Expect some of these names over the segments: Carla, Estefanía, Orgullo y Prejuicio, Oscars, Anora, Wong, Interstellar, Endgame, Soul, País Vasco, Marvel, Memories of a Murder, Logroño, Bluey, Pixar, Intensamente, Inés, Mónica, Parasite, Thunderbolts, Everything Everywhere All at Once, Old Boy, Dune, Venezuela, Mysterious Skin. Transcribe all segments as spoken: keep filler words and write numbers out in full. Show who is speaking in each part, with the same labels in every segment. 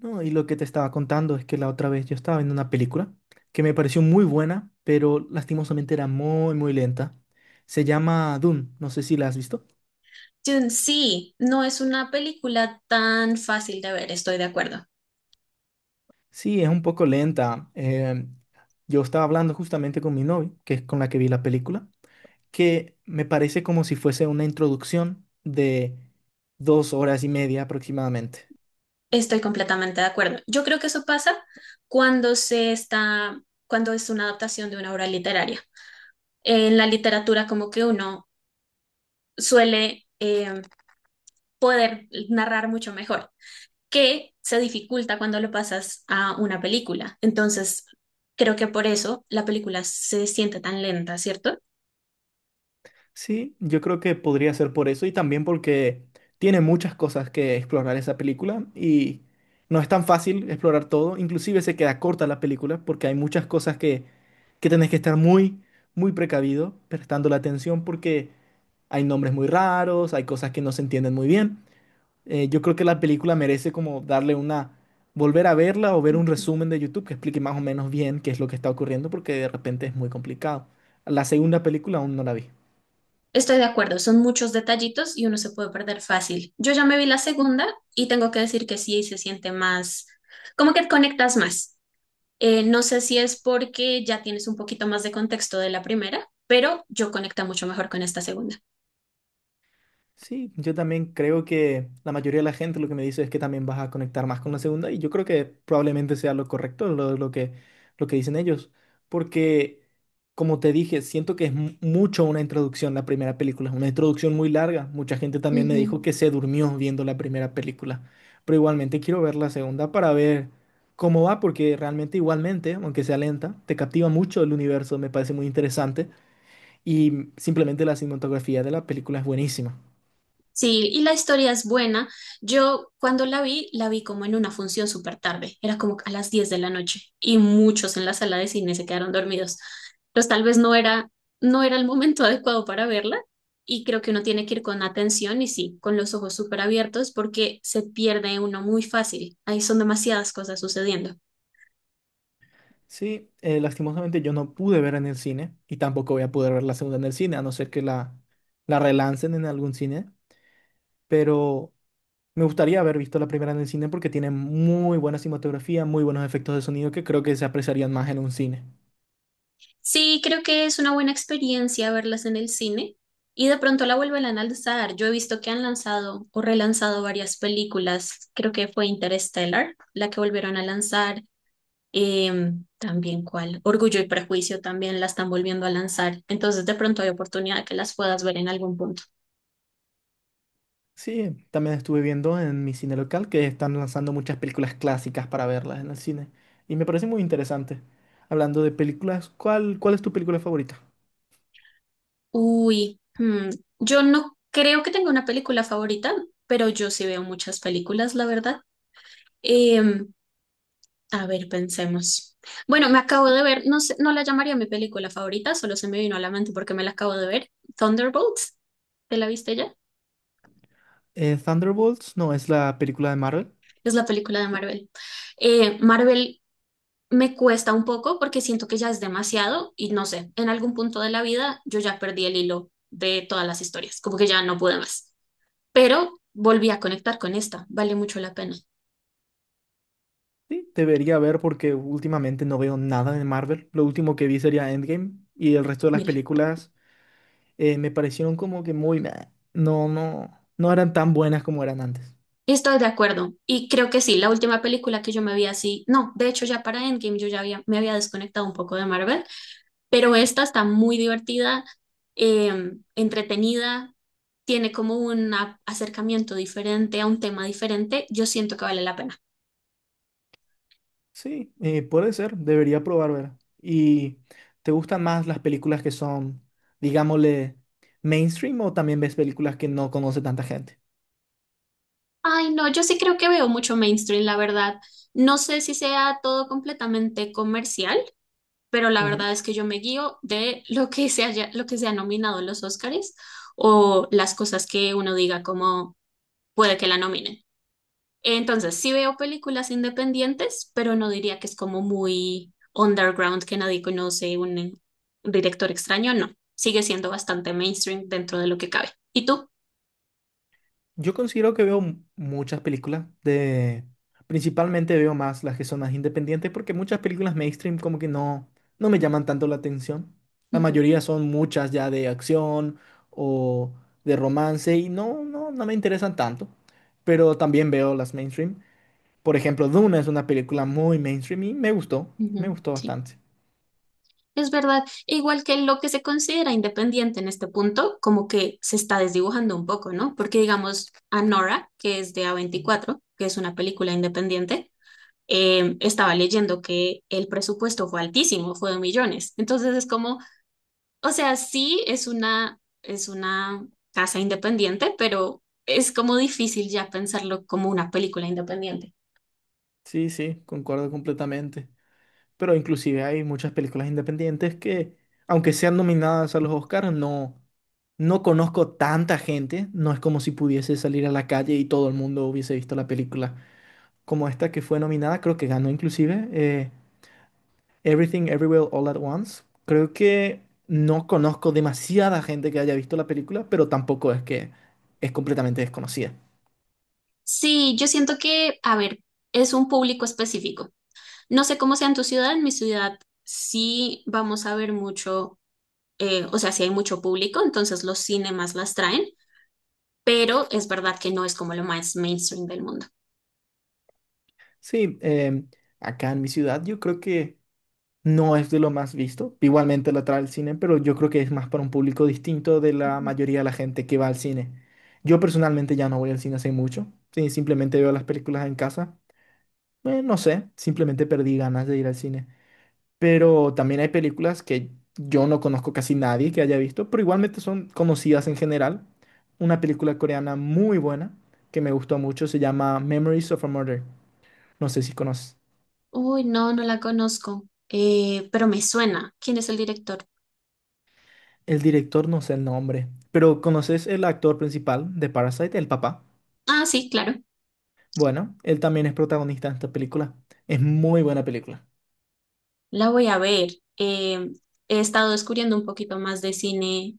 Speaker 1: No, y lo que te estaba contando es que la otra vez yo estaba viendo una película que me pareció muy buena, pero lastimosamente era muy, muy lenta. Se llama Dune, no sé si la has visto.
Speaker 2: Dune, sí, no es una película tan fácil de ver, estoy de acuerdo.
Speaker 1: Sí, es un poco lenta. Eh, yo estaba hablando justamente con mi novia, que es con la que vi la película, que me parece como si fuese una introducción de dos horas y media aproximadamente.
Speaker 2: Estoy completamente de acuerdo. Yo creo que eso pasa cuando se está, cuando es una adaptación de una obra literaria. En la literatura, como que uno suele eh, poder narrar mucho mejor, que se dificulta cuando lo pasas a una película. Entonces, creo que por eso la película se siente tan lenta, ¿cierto?
Speaker 1: Sí, yo creo que podría ser por eso y también porque tiene muchas cosas que explorar esa película y no es tan fácil explorar todo, inclusive se queda corta la película porque hay muchas cosas que, que tenés que estar muy, muy precavido, prestando la atención porque hay nombres muy raros, hay cosas que no se entienden muy bien. Eh, yo creo que la película merece como darle una, volver a verla o ver un resumen de YouTube que explique más o menos bien qué es lo que está ocurriendo porque de repente es muy complicado. La segunda película aún no la vi.
Speaker 2: Estoy de acuerdo, son muchos detallitos y uno se puede perder fácil. Yo ya me vi la segunda y tengo que decir que sí, se siente más, como que conectas más. Eh, no sé si es porque ya tienes un poquito más de contexto de la primera, pero yo conecta mucho mejor con esta segunda.
Speaker 1: Sí, yo también creo que la mayoría de la gente lo que me dice es que también vas a conectar más con la segunda y yo creo que probablemente sea lo correcto lo, lo que, lo que dicen ellos, porque como te dije, siento que es mu- mucho una introducción la primera película, es una introducción muy larga, mucha gente también me dijo
Speaker 2: Ujú.
Speaker 1: que se durmió viendo la primera película, pero igualmente quiero ver la segunda para ver cómo va, porque realmente igualmente, aunque sea lenta, te captiva mucho el universo, me parece muy interesante y simplemente la cinematografía de la película es buenísima.
Speaker 2: Sí, y la historia es buena. Yo cuando la vi, la vi como en una función súper tarde, era como a las diez de la noche y muchos en la sala de cine se quedaron dormidos. Entonces tal vez no era, no era el momento adecuado para verla, y creo que uno tiene que ir con atención y sí, con los ojos súper abiertos porque se pierde uno muy fácil. Ahí son demasiadas cosas sucediendo.
Speaker 1: Sí, eh, lastimosamente yo no pude ver en el cine y tampoco voy a poder ver la segunda en el cine, a no ser que la, la relancen en algún cine, pero me gustaría haber visto la primera en el cine porque tiene muy buena cinematografía, muy buenos efectos de sonido que creo que se apreciarían más en un cine.
Speaker 2: Sí, creo que es una buena experiencia verlas en el cine, y de pronto la vuelven a lanzar. Yo he visto que han lanzado o relanzado varias películas. Creo que fue Interstellar la que volvieron a lanzar. Em, también cuál, Orgullo y Prejuicio también la están volviendo a lanzar. Entonces de pronto hay oportunidad de que las puedas ver en algún punto.
Speaker 1: Sí, también estuve viendo en mi cine local que están lanzando muchas películas clásicas para verlas en el cine y me parece muy interesante. Hablando de películas, ¿cuál, cuál es tu película favorita?
Speaker 2: Uy, hmm, yo no creo que tenga una película favorita, pero yo sí veo muchas películas, la verdad. Em, A ver, pensemos. Bueno, me acabo de ver, no sé, no la llamaría mi película favorita, solo se me vino a la mente porque me la acabo de ver. Thunderbolts, ¿te la viste ya?
Speaker 1: Eh, Thunderbolts, no, es la película de Marvel.
Speaker 2: Es la película de Marvel. Eh, Marvel me cuesta un poco porque siento que ya es demasiado y no sé, en algún punto de la vida yo ya perdí el hilo de todas las historias, como que ya no pude más. Pero volví a conectar con esta, vale mucho la pena.
Speaker 1: Sí, debería ver porque últimamente no veo nada de Marvel. Lo último que vi sería Endgame y el resto de las
Speaker 2: Mira.
Speaker 1: películas eh, me parecieron como que muy... meh. No, no, no eran tan buenas como eran antes.
Speaker 2: Estoy de acuerdo. Y creo que sí, la última película que yo me vi así, no, de hecho ya para Endgame yo ya había, me había desconectado un poco de Marvel, pero esta está muy divertida, eh, entretenida, tiene como un a- acercamiento diferente a un tema diferente. Yo siento que vale la pena.
Speaker 1: Sí, eh, puede ser, debería probar ver. ¿Y te gustan más las películas que son, digámosle, mainstream o también ves películas que no conoce tanta gente?
Speaker 2: Ay, no, yo sí creo que veo mucho mainstream, la verdad. No sé si sea todo completamente comercial, pero la verdad es que yo me guío de lo que se haya, lo que se ha nominado en los Oscars, o las cosas que uno diga como puede que la nominen. Entonces, sí veo películas independientes, pero no diría que es como muy underground, que nadie conoce, un, director extraño, no. Sigue siendo bastante mainstream dentro de lo que cabe. ¿Y tú?
Speaker 1: Yo considero que veo m- muchas películas de... Principalmente veo más las que son más independientes porque muchas películas mainstream como que no, no me llaman tanto la atención. La
Speaker 2: Ujú,
Speaker 1: mayoría son muchas ya de acción o de romance y no, no, no me interesan tanto. Pero también veo las mainstream. Por ejemplo, Duna es una película muy mainstream y me gustó, me
Speaker 2: ujú,
Speaker 1: gustó
Speaker 2: sí,
Speaker 1: bastante.
Speaker 2: es verdad. Igual que lo que se considera independiente en este punto, como que se está desdibujando un poco, ¿no? Porque digamos, Anora, que es de a veinticuatro, que es una película independiente, eh, estaba leyendo que el presupuesto fue altísimo, fue de millones. Entonces es como, o sea, sí es una, es una casa independiente, pero es como difícil ya pensarlo como una película independiente.
Speaker 1: Sí, sí, concuerdo completamente. Pero inclusive hay muchas películas independientes que, aunque sean nominadas a los Oscars, no, no conozco tanta gente. No es como si pudiese salir a la calle y todo el mundo hubiese visto la película. Como esta que fue nominada, creo que ganó inclusive eh, Everything Everywhere All at Once. Creo que no conozco demasiada gente que haya visto la película, pero tampoco es que es completamente desconocida.
Speaker 2: Sí, yo siento que, a ver, es un público específico. No sé cómo sea en tu ciudad, en mi ciudad sí vamos a ver mucho, eh, o sea, sí hay mucho público, entonces los cinemas las traen, pero es verdad que no es como lo más mainstream del mundo.
Speaker 1: Sí, em, acá en mi ciudad yo creo que... No es de lo más visto. Igualmente la trae al cine, pero yo creo que es más para un público distinto de la
Speaker 2: Ujú.
Speaker 1: mayoría de la gente que va al cine. Yo personalmente ya no voy al cine hace mucho. Sí, simplemente veo las películas en casa. Eh, no sé, simplemente perdí ganas de ir al cine. Pero también hay películas que yo no conozco casi nadie que haya visto, pero igualmente son conocidas en general. Una película coreana muy buena que me gustó mucho se llama Memories of a Murder. No sé si conoces.
Speaker 2: Uy, no, no la conozco, eh, pero me suena. ¿Quién es el director?
Speaker 1: El director no sé el nombre, pero ¿conoces el actor principal de Parasite, el papá?
Speaker 2: Ah, sí, claro.
Speaker 1: Bueno, él también es protagonista en esta película. Es muy buena película.
Speaker 2: La voy a ver. Eh, He estado descubriendo un poquito más de cine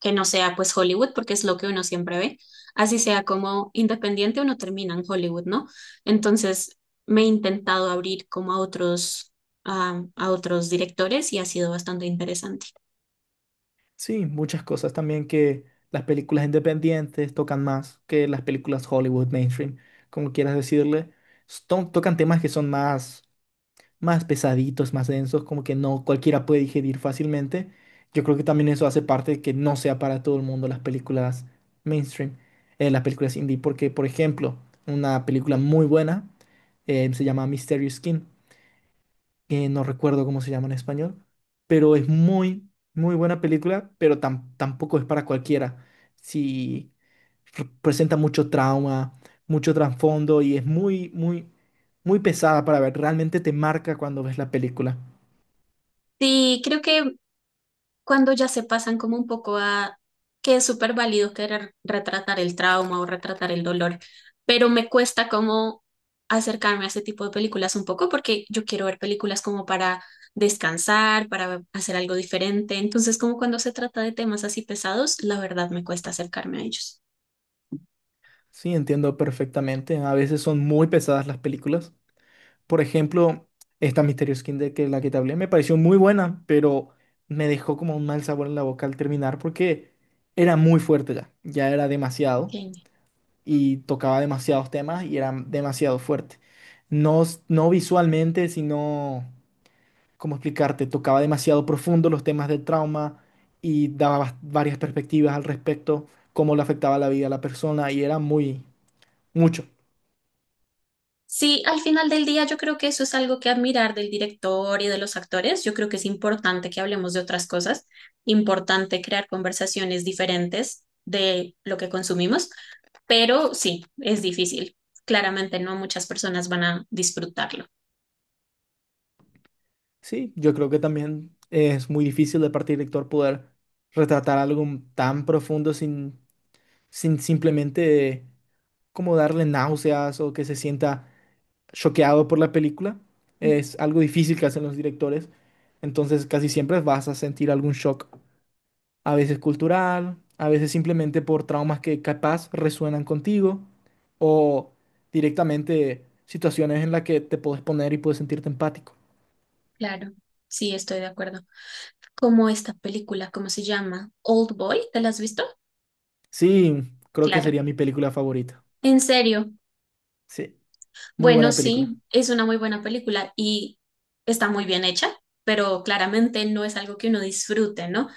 Speaker 2: que no sea pues Hollywood, porque es lo que uno siempre ve. Así sea como independiente, uno termina en Hollywood, ¿no? Entonces me he intentado abrir como a otros, a, a otros directores y ha sido bastante interesante.
Speaker 1: Sí, muchas cosas también que las películas independientes tocan más que las películas Hollywood mainstream, como quieras decirle. s- to- tocan temas que son más más pesaditos, más densos, como que no cualquiera puede digerir fácilmente. Yo creo que también eso hace parte de que no sea para todo el mundo las películas mainstream, eh, las películas indie, porque, por ejemplo, una película muy buena eh, se llama Mysterious Skin eh, no recuerdo cómo se llama en español, pero es muy, muy buena película, pero tam- tampoco es para cualquiera. Si presenta mucho trauma, mucho trasfondo y es muy, muy, muy pesada para ver. Realmente te marca cuando ves la película.
Speaker 2: Sí, creo que cuando ya se pasan como un poco a que es súper válido querer retratar el trauma o retratar el dolor, pero me cuesta como acercarme a ese tipo de películas un poco porque yo quiero ver películas como para descansar, para hacer algo diferente. Entonces, como cuando se trata de temas así pesados, la verdad me cuesta acercarme a ellos.
Speaker 1: Sí, entiendo perfectamente. A veces son muy pesadas las películas. Por ejemplo, esta Mysterious Kinder, que es la que te hablé, me pareció muy buena, pero me dejó como un mal sabor en la boca al terminar porque era muy fuerte ya. Ya era demasiado.
Speaker 2: Ok.
Speaker 1: Y tocaba demasiados temas y era demasiado fuerte. No, s- no visualmente, sino, ¿cómo explicarte? Tocaba demasiado profundo los temas del trauma y daba bas- varias perspectivas al respecto, cómo le afectaba la vida a la persona y era muy, mucho.
Speaker 2: Sí, al final del día yo creo que eso es algo que admirar del director y de los actores. Yo creo que es importante que hablemos de otras cosas, importante crear conversaciones diferentes de lo que consumimos, pero sí, es difícil. Claramente no muchas personas van a disfrutarlo.
Speaker 1: Sí, yo creo que también es muy difícil de parte del lector poder retratar algo tan profundo sin, sin simplemente como darle náuseas o que se sienta choqueado por la película.
Speaker 2: Mm,
Speaker 1: Es algo difícil que hacen los directores. Entonces casi siempre vas a sentir algún shock, a veces cultural, a veces simplemente por traumas que capaz resuenan contigo o directamente situaciones en las que te puedes poner y puedes sentirte empático.
Speaker 2: claro, sí, estoy de acuerdo. Como esta película, ¿cómo se llama? Old Boy, ¿te la has visto?
Speaker 1: Sí, creo que
Speaker 2: Claro.
Speaker 1: sería mi película favorita.
Speaker 2: En serio.
Speaker 1: Sí, muy
Speaker 2: Bueno,
Speaker 1: buena película.
Speaker 2: sí, es una muy buena película y está muy bien hecha, pero claramente no es algo que uno disfrute, ¿no?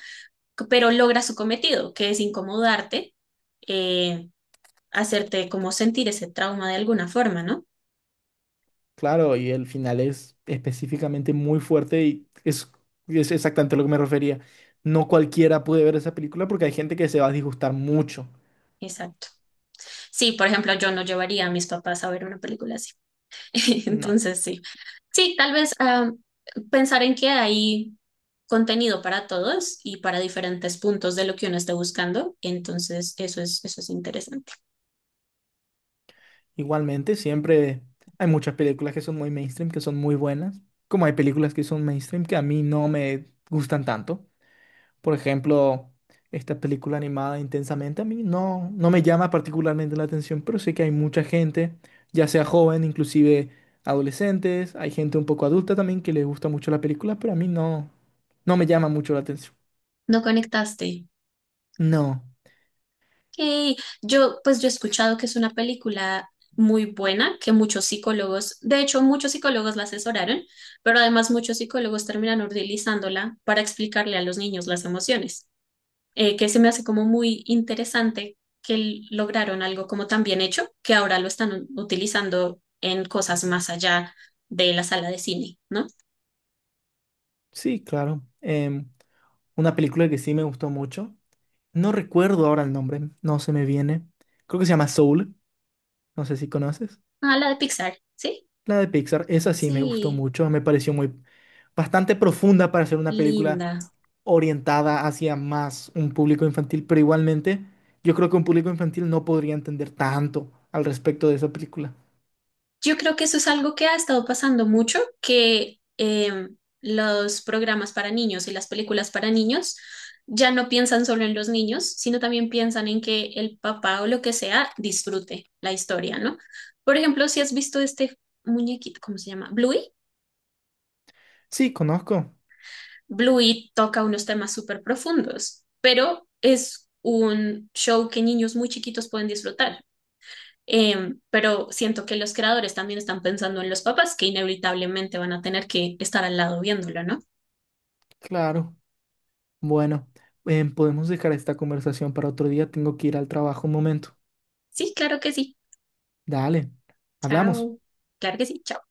Speaker 2: C- Pero logra su cometido, que es incomodarte, eh, hacerte como sentir ese trauma de alguna forma, ¿no?
Speaker 1: Claro, y el final es específicamente muy fuerte y es, es exactamente a lo que me refería. No cualquiera puede ver esa película porque hay gente que se va a disgustar mucho.
Speaker 2: Exacto. Sí, por ejemplo, yo no llevaría a mis papás a ver una película así.
Speaker 1: No,
Speaker 2: Entonces, sí. Sí, tal vez ah, pensar en que hay contenido para todos y para diferentes puntos de lo que uno esté buscando. Entonces, eso es, eso es interesante.
Speaker 1: igualmente siempre hay muchas películas que son muy mainstream, que son muy buenas, como hay películas que son mainstream que a mí no me gustan tanto. Por ejemplo, esta película animada Intensamente a mí no, no me llama particularmente la atención, pero sé que hay mucha gente, ya sea joven, inclusive adolescentes, hay gente un poco adulta también que les gusta mucho la película, pero a mí no, no me llama mucho la atención.
Speaker 2: No conectaste.
Speaker 1: No,
Speaker 2: Ok. Yo, pues yo he escuchado que es una película muy buena, que muchos psicólogos, de hecho, muchos psicólogos la asesoraron, pero además muchos psicólogos terminan utilizándola para explicarle a los niños las emociones, eh, que se me hace como muy interesante que l- lograron algo como tan bien hecho, que ahora lo están u- utilizando en cosas más allá de la sala de cine, ¿no?
Speaker 1: sí, claro. Em, una película que sí me gustó mucho. No recuerdo ahora el nombre, no se me viene. Creo que se llama Soul, no sé si conoces.
Speaker 2: Ah, la de Pixar, ¿sí?
Speaker 1: La de Pixar, esa sí me gustó
Speaker 2: Sí,
Speaker 1: mucho, me pareció muy bastante profunda para ser una película
Speaker 2: linda.
Speaker 1: orientada hacia más un público infantil, pero igualmente yo creo que un público infantil no podría entender tanto al respecto de esa película.
Speaker 2: Yo creo que eso es algo que ha estado pasando mucho, que em, los programas para niños y las películas para niños ya no piensan solo en los niños, sino también piensan en que el papá o lo que sea disfrute la historia, ¿no? Por ejemplo, si has visto este muñequito, ¿cómo se llama? Bluey.
Speaker 1: Sí, conozco,
Speaker 2: Bluey toca unos temas súper profundos, pero es un show que niños muy chiquitos pueden disfrutar. Em, pero siento que los creadores también están pensando en los papás que inevitablemente van a tener que estar al lado viéndolo, ¿no?
Speaker 1: claro. Bueno, em, podemos dejar esta conversación para otro día, tengo que ir al trabajo un momento.
Speaker 2: Sí, claro que sí.
Speaker 1: Dale, hablamos.
Speaker 2: Chao. Claro que sí. Chao.